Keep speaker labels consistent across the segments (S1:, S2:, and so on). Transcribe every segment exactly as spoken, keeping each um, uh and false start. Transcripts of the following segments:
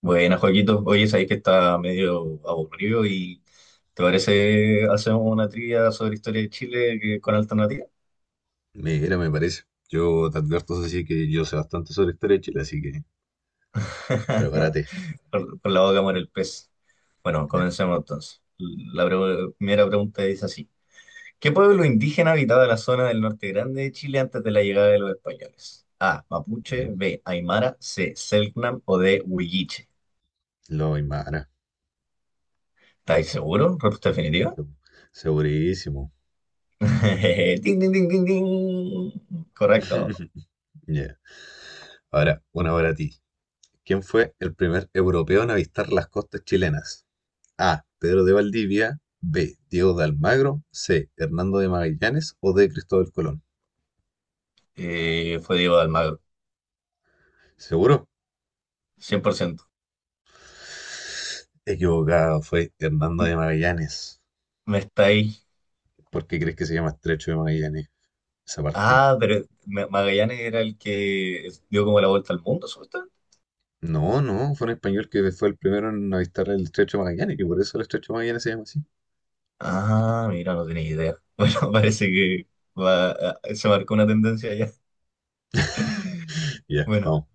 S1: Buena, Joaquito. Oye, sabéis que está medio aburrido y ¿te parece hacemos una trivia sobre historia de Chile que- con alternativa?
S2: Mira, me parece. Yo te advierto, así que yo sé bastante sobre historia de Chile, así que prepárate.
S1: Por con la boca muere el pez. Bueno,
S2: Ya,
S1: comencemos entonces. La pre- primera pregunta dice así. ¿Qué pueblo indígena habitaba la zona del norte grande de Chile antes de la llegada de los españoles? A. Mapuche.
S2: ya.
S1: B. Aymara. C. Selknam. O D. Huilliche.
S2: Lo Aymara.
S1: ¿Estáis seguros? ¿Respuesta definitiva?
S2: seg- Segurísimo.
S1: Ding, ding, ding, ding, ding. Correcto.
S2: Ya. Ahora, una para ti. ¿Quién fue el primer europeo en avistar las costas chilenas? A. Pedro de Valdivia. B. Diego de Almagro. C. Hernando de Magallanes. O D. Cristóbal Colón.
S1: Eh, fue Diego de Almagro,
S2: ¿Seguro?
S1: cien por ciento.
S2: Equivocado, fue Hernando de Magallanes.
S1: Me estáis.
S2: ¿Por qué crees que se llama Estrecho de Magallanes? Esa parte.
S1: Ah, pero Ma- Magallanes era el que dio como la vuelta al mundo, supuestamente.
S2: No, no, fue un español que fue el primero en avistar el Estrecho de Magallanes, que por eso el Estrecho de Magallanes se llama así.
S1: Ah, mira, no tenía idea. Bueno, parece que va- ah, se marcó una tendencia ya.
S2: Ya,
S1: Bueno,
S2: vamos,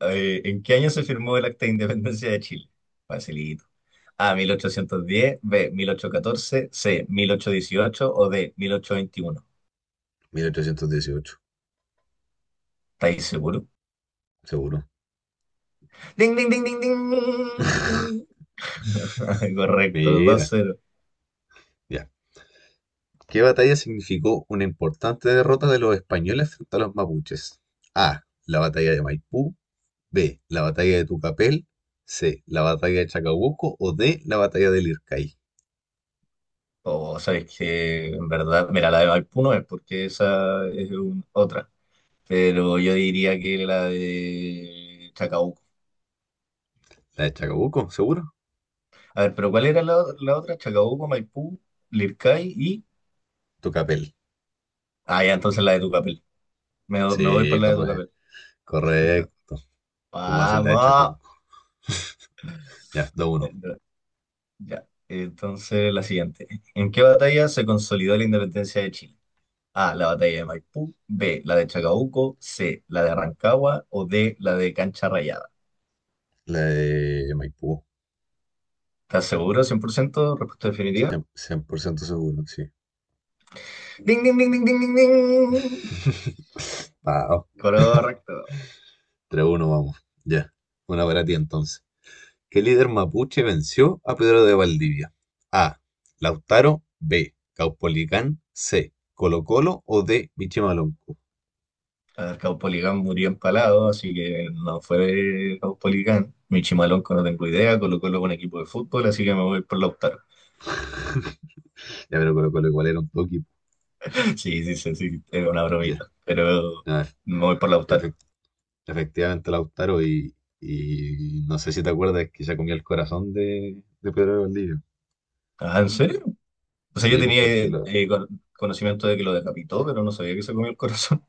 S1: eh, ¿en qué año se firmó el Acta de Independencia de Chile? Facilito. A, mil ochocientos diez, B, mil ochocientos catorce, C, mil ochocientos dieciocho o D, mil ochocientos veintiuno.
S2: mil ochocientos dieciocho,
S1: ¿Estáis seguros?
S2: seguro.
S1: Ding, ding, ding, ding, ding. Correcto, dos
S2: Mira,
S1: cero.
S2: ya. ¿Qué batalla significó una importante derrota de los españoles frente a los mapuches? A. La batalla de Maipú. B. La batalla de Tucapel. C. La batalla de Chacabuco. O D. La batalla del Lircay.
S1: O sabes que en verdad, mira, la de Maipú no es porque esa es un- otra, pero yo diría que la de Chacabuco.
S2: La de Chacabuco, seguro.
S1: A ver, pero ¿cuál era la, la otra? Chacabuco, Maipú, Lircay y...
S2: Tucapel.
S1: Ah, ya, entonces la de Tucapel. Me, me voy por
S2: Sí,
S1: la de
S2: correcto.
S1: Tucapel.
S2: Correcto. ¿Cómo hacer la de
S1: ¡Vamos!
S2: Chacabuco? Ya, 2
S1: Eh,
S2: uno.
S1: Ya, entonces la siguiente. ¿En qué batalla se consolidó la independencia de Chile? A, la batalla de Maipú, B, la de Chacabuco, C, la de Rancagua o D, la de Cancha Rayada.
S2: La de Maipú.
S1: ¿Estás seguro? Cien por ciento. ¿Respuesta definitiva?
S2: Cien, cien por ciento seguro, sí.
S1: ¡Ding, ding, ding, ding, ding, ding, ding!
S2: Wow,
S1: Correcto.
S2: tres uno vamos. Ya. Una para ti entonces. ¿Qué líder mapuche venció a Pedro de Valdivia? A. Lautaro. B. Caupolicán. C. Colo Colo o D. Michimalonco.
S1: A ver, Caupolicán murió empalado, así que no fue Caupolicán. Michimalonco no tengo idea, Colo Colo es un equipo de fútbol, así que me voy por Lautaro.
S2: Ya, pero Colo Colo igual era un toque.
S1: Sí, sí, sí, sí, era una
S2: Ya.
S1: bromita, pero
S2: A ver,
S1: me voy por Lautaro.
S2: efect- efectivamente Lautaro y, y no sé si te acuerdas que ya comió el corazón de, de Pedro de Valdivia.
S1: Ah, ¿en serio? O sea, yo
S2: Sí, pues
S1: tenía
S2: porque
S1: eh,
S2: lo,
S1: eh, con- conocimiento de que lo decapitó, pero no sabía que se comió el corazón.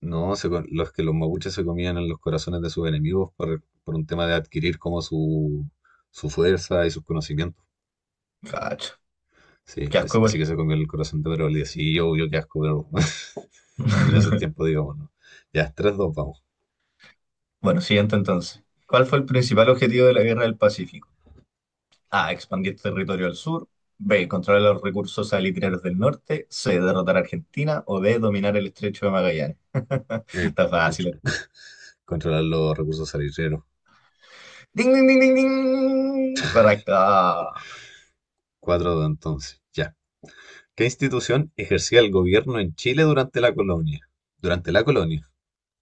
S2: no, se co- los que los mapuches se comían en los corazones de sus enemigos por, por un tema de adquirir como su, su fuerza y sus conocimientos.
S1: Cacho,
S2: Sí,
S1: qué asco
S2: as- así
S1: igual.
S2: que se comió el corazón de Pedro Valdivia. Sí, yo, yo qué asco, pero en esos tiempos, digamos, ¿no? Ya, tres dos vamos.
S1: Bueno, siguiente entonces. ¿Cuál fue el principal objetivo de la Guerra del Pacífico? A. Expandir territorio al sur. B. Controlar los recursos salitrarios del norte. C. Derrotar a Argentina. O D. Dominar el estrecho de Magallanes.
S2: Eh,
S1: Está
S2: contro-
S1: fácil.
S2: controlar los recursos salitreros
S1: ¡Ding, ding, ding, ding, ding! Correcto.
S2: cuatro dos entonces, ya. ¿Qué institución ejercía el gobierno en Chile durante la colonia? Durante la colonia.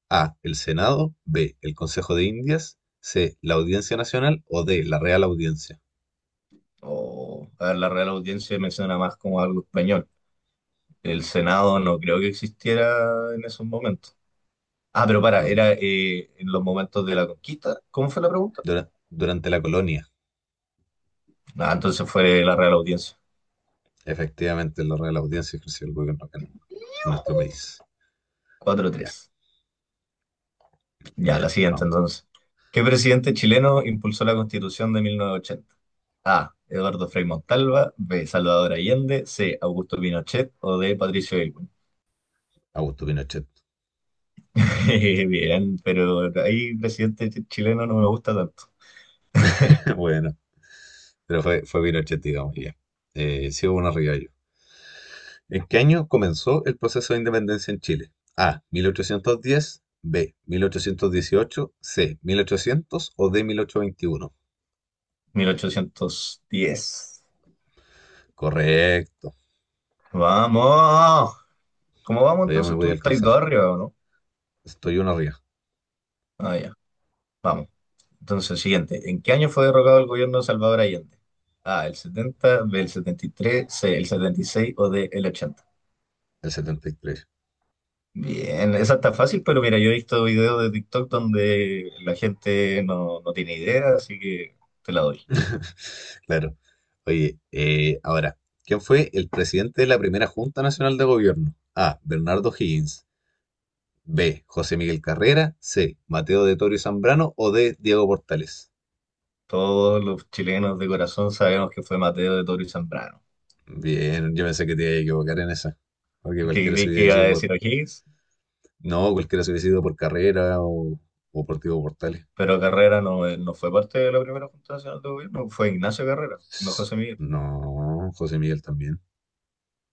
S2: A. El Senado. B. El Consejo de Indias. C. La Audiencia Nacional. O D. La Real Audiencia.
S1: Oh, a ver, la Real Audiencia menciona más como algo español. El Senado no creo que existiera en esos momentos. Ah, pero para,
S2: No,
S1: era eh, en los momentos de la conquista. ¿Cómo fue la pregunta?
S2: dura- durante la colonia,
S1: Ah, entonces fue la Real Audiencia.
S2: efectivamente, la Real Audiencia ejerció el gobierno acá en, en nuestro país.
S1: Cuatro
S2: Ya,
S1: tres. Ya, la
S2: ya,
S1: siguiente
S2: vamos.
S1: entonces. ¿Qué presidente chileno impulsó la Constitución de mil novecientos ochenta? A. Eduardo Frei Montalva. B. Salvador Allende. C. Augusto Pinochet. O D. Patricio Aylwin.
S2: Augusto Pinochet.
S1: Bien, pero ahí presidente ch- chileno no me gusta tanto.
S2: Bueno, pero fue, fue Pinochet, digamos, ya. Eh, sí hubo unos rivallos. ¿En qué año comenzó el proceso de independencia en Chile? A. mil ochocientos diez, B. mil ochocientos dieciocho, C. mil ochocientos o D. mil ochocientos veintiuno.
S1: mil ochocientos diez.
S2: Correcto.
S1: ¡Vamos! ¿Cómo vamos
S2: Todavía me
S1: entonces?
S2: voy
S1: ¿Tú
S2: a
S1: estás
S2: alcanzar.
S1: dos arriba o no?
S2: Estoy uno arriba,
S1: Ah, ya. Vamos. Entonces, siguiente. ¿En qué año fue derrocado el gobierno de Salvador Allende? A, el setenta, B, el setenta y tres, C, el setenta y seis o D, el ochenta.
S2: el setenta y tres.
S1: Bien, esa está fácil, pero mira, yo he visto videos de TikTok donde la gente no, no tiene idea, así que te la doy.
S2: Claro. Oye, eh, ahora, ¿quién fue el presidente de la primera Junta Nacional de Gobierno? A. Bernardo Higgins. B. José Miguel Carrera. C. Mateo de Toro y Zambrano. O D. Diego Portales.
S1: Todos los chilenos de corazón sabemos que fue Mateo de Toro y Zambrano.
S2: Bien, yo pensé que te iba a equivocar en esa. Porque
S1: Que
S2: cualquiera se
S1: creí que iba
S2: hubiese
S1: a
S2: ido por...
S1: decir O'Higgins,
S2: No, cualquiera se hubiese ido por Carrera o, o por Diego Portales.
S1: pero Carrera no, eh, no fue parte de la primera Junta Nacional de Gobierno, fue Ignacio Carrera, no José Miguel.
S2: No, José Miguel también.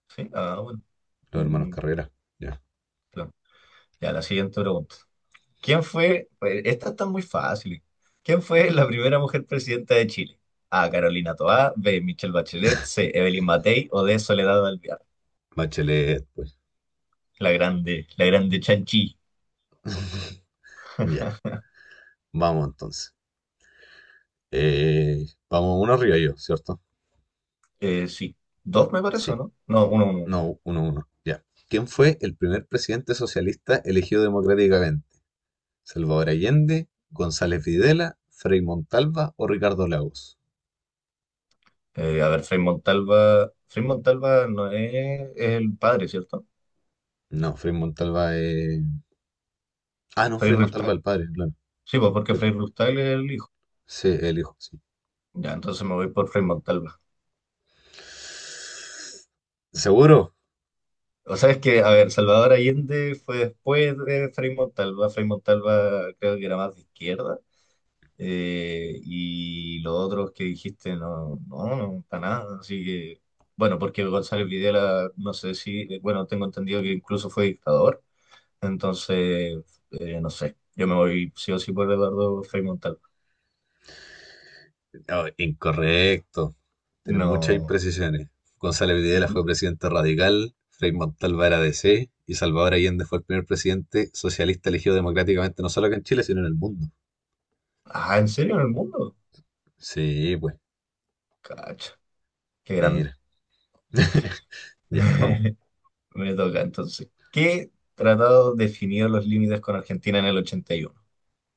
S1: Sí, ah, bueno.
S2: Los hermanos
S1: Mm,
S2: Carrera. Ya.
S1: claro. Ya, la siguiente pregunta. ¿Quién fue? Pues, esta está muy fácil. ¿Quién fue la primera mujer presidenta de Chile? A. Carolina Toá, B. Michelle Bachelet, C. Evelyn Matei o D. Soledad Alvear.
S2: Bachelet, pues.
S1: La grande, la grande Chanchi.
S2: Ya. Vamos entonces. Eh, vamos uno arriba yo, ¿cierto?
S1: Eh, sí, dos me parece,
S2: Sí.
S1: ¿no? No, uno, uno. Uno.
S2: No, uno uno, ya. ¿Quién fue el primer presidente socialista elegido democráticamente? ¿Salvador Allende, González Videla, Frei Montalva o Ricardo Lagos?
S1: Eh, a ver, Frei Montalva. Frei Montalva no es el padre, ¿cierto?
S2: No, Frei Montalva es... Ah, no,
S1: Frei
S2: Frei Montalva
S1: Rustac.
S2: el padre, claro.
S1: Sí, pues porque Frei
S2: Pero-
S1: Rustac es el hijo.
S2: Sí, el hijo, sí.
S1: Ya, entonces me voy por Frei Montalva.
S2: ¿Seguro?
S1: O sea, es que, a ver, Salvador Allende fue después de Frei Montalva. Frei Montalva creo que era más de izquierda. Eh, y los otros que dijiste, no, no, no, para nada. Así que, bueno, porque González Videla, no sé si, eh, bueno, tengo entendido que incluso fue dictador. Entonces, eh, no sé, yo me voy sí o sí por Eduardo Frei Montalva.
S2: No, incorrecto. Tienen muchas
S1: No.
S2: imprecisiones. González Videla fue presidente radical, Frei Montalva era D C y Salvador Allende fue el primer presidente socialista elegido democráticamente no solo acá en Chile, sino en el mundo.
S1: Ah, ¿en serio? ¿En el mundo?
S2: Sí, pues,
S1: Cacha, qué grande.
S2: mira. Ya, vamos.
S1: Me toca entonces. ¿Qué tratado definió los límites con Argentina en el ochenta y uno?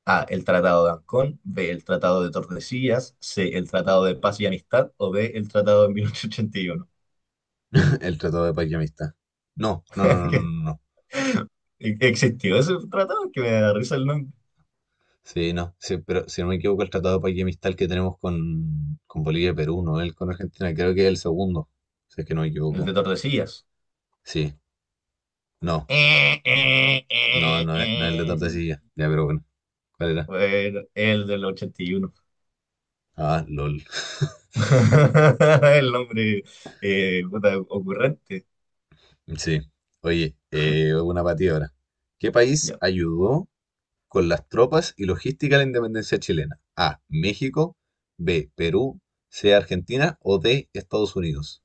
S1: A. El Tratado de Ancón. B. El Tratado de Tordesillas. C. El Tratado de Paz y Amistad. O D. El Tratado de mil ochocientos ochenta y uno.
S2: El Tratado de Paz y Amistad. No, no, no, no, no,
S1: ¿Qué-
S2: no. No.
S1: ¿Existió ese tratado? Que me da risa el nombre.
S2: Sí, no. Sí, pero si no me equivoco, el Tratado de Paz y Amistad el que tenemos con, con Bolivia y Perú, no el con Argentina, creo que es el segundo. Si es que no me
S1: El
S2: equivoco.
S1: de Tordesillas.
S2: Sí, no,
S1: Eh, eh,
S2: no,
S1: eh,
S2: no es, no es el de
S1: eh.
S2: Tordesillas. Ya, pero bueno. ¿Cuál era?
S1: Bueno, el del ochenta y uno.
S2: Ah, LOL.
S1: El nombre, eh, puta, ocurrente.
S2: Sí. Oye, eh, una para ti ahora. ¿Qué país
S1: Ya.
S2: ayudó con las tropas y logística de la independencia chilena: A. México. B. Perú. C. Argentina. O D. Estados Unidos.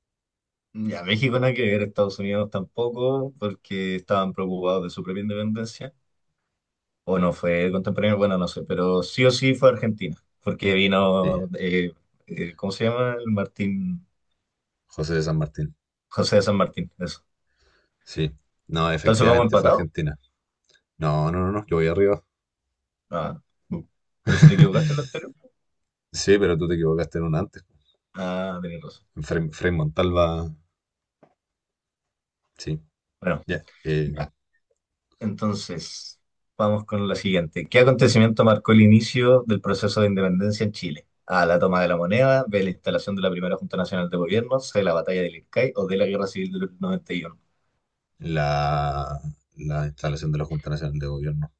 S1: Ya, México nada que ver, Estados Unidos tampoco, porque estaban preocupados de su propia independencia. O no fue contemporáneo, bueno, no sé, pero sí o sí fue Argentina, porque
S2: Sí,
S1: vino, eh, eh, ¿cómo se llama? El Martín,
S2: José de San Martín.
S1: José de San Martín, eso.
S2: Sí. No,
S1: Entonces vamos
S2: efectivamente fue
S1: empatados.
S2: Argentina. No, no, no, no, yo voy arriba.
S1: Ah, bu. Pero si te equivocaste en lo anterior,
S2: Sí, pero tú te equivocaste en una antes.
S1: ah, tenías razón.
S2: En Frei,
S1: Ya,
S2: Frei Montalva. Sí,
S1: bueno.
S2: ya. Eh,
S1: Ya. Entonces, vamos con la siguiente. ¿Qué acontecimiento marcó el inicio del proceso de independencia en Chile? A, la toma de la moneda, B, la instalación de la primera Junta Nacional de Gobierno, C, la batalla del Ircay o D, la Guerra Civil del noventa y uno.
S2: la, la instalación de la Junta Nacional de Gobierno.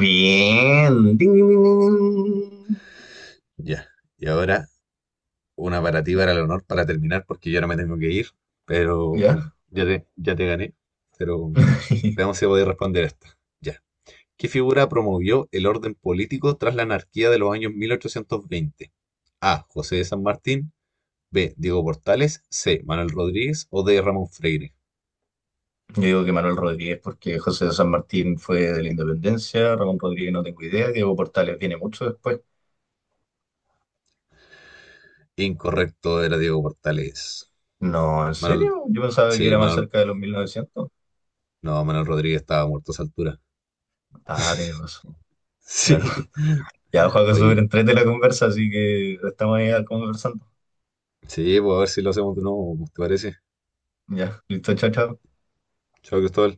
S1: Bien. Ding, ding, ding, ding, ding.
S2: Ya. Y ahora una para ti, para el honor, para terminar, porque yo ahora me tengo que ir, pero um,
S1: ¿Ya?
S2: ya te, ya te gané. Pero um, veamos si podéis responder esta. Ya. ¿Qué figura promovió el orden político tras la anarquía de los años mil ochocientos veinte? A. José de San Martín. B. Diego Portales. C. Manuel Rodríguez. O D. Ramón Freire.
S1: Yo digo que Manuel Rodríguez porque José de San Martín fue de la Independencia, Ramón Rodríguez no tengo idea, Diego Portales viene mucho después.
S2: Incorrecto, era Diego Portales.
S1: No, ¿en
S2: Manuel,
S1: serio? Yo pensaba que
S2: sí,
S1: era más
S2: Manuel,
S1: cerca de los mil novecientos.
S2: no, Manuel Rodríguez estaba muerto a esa altura.
S1: Ah, tienes razón. Bueno.
S2: Sí,
S1: Ya, Juaco, súper
S2: oye,
S1: entrete la conversa, así que estamos ahí conversando.
S2: sí, pues a ver si lo hacemos de nuevo, ¿te parece?
S1: Ya, listo, chao, chao.
S2: Chao, Cristóbal.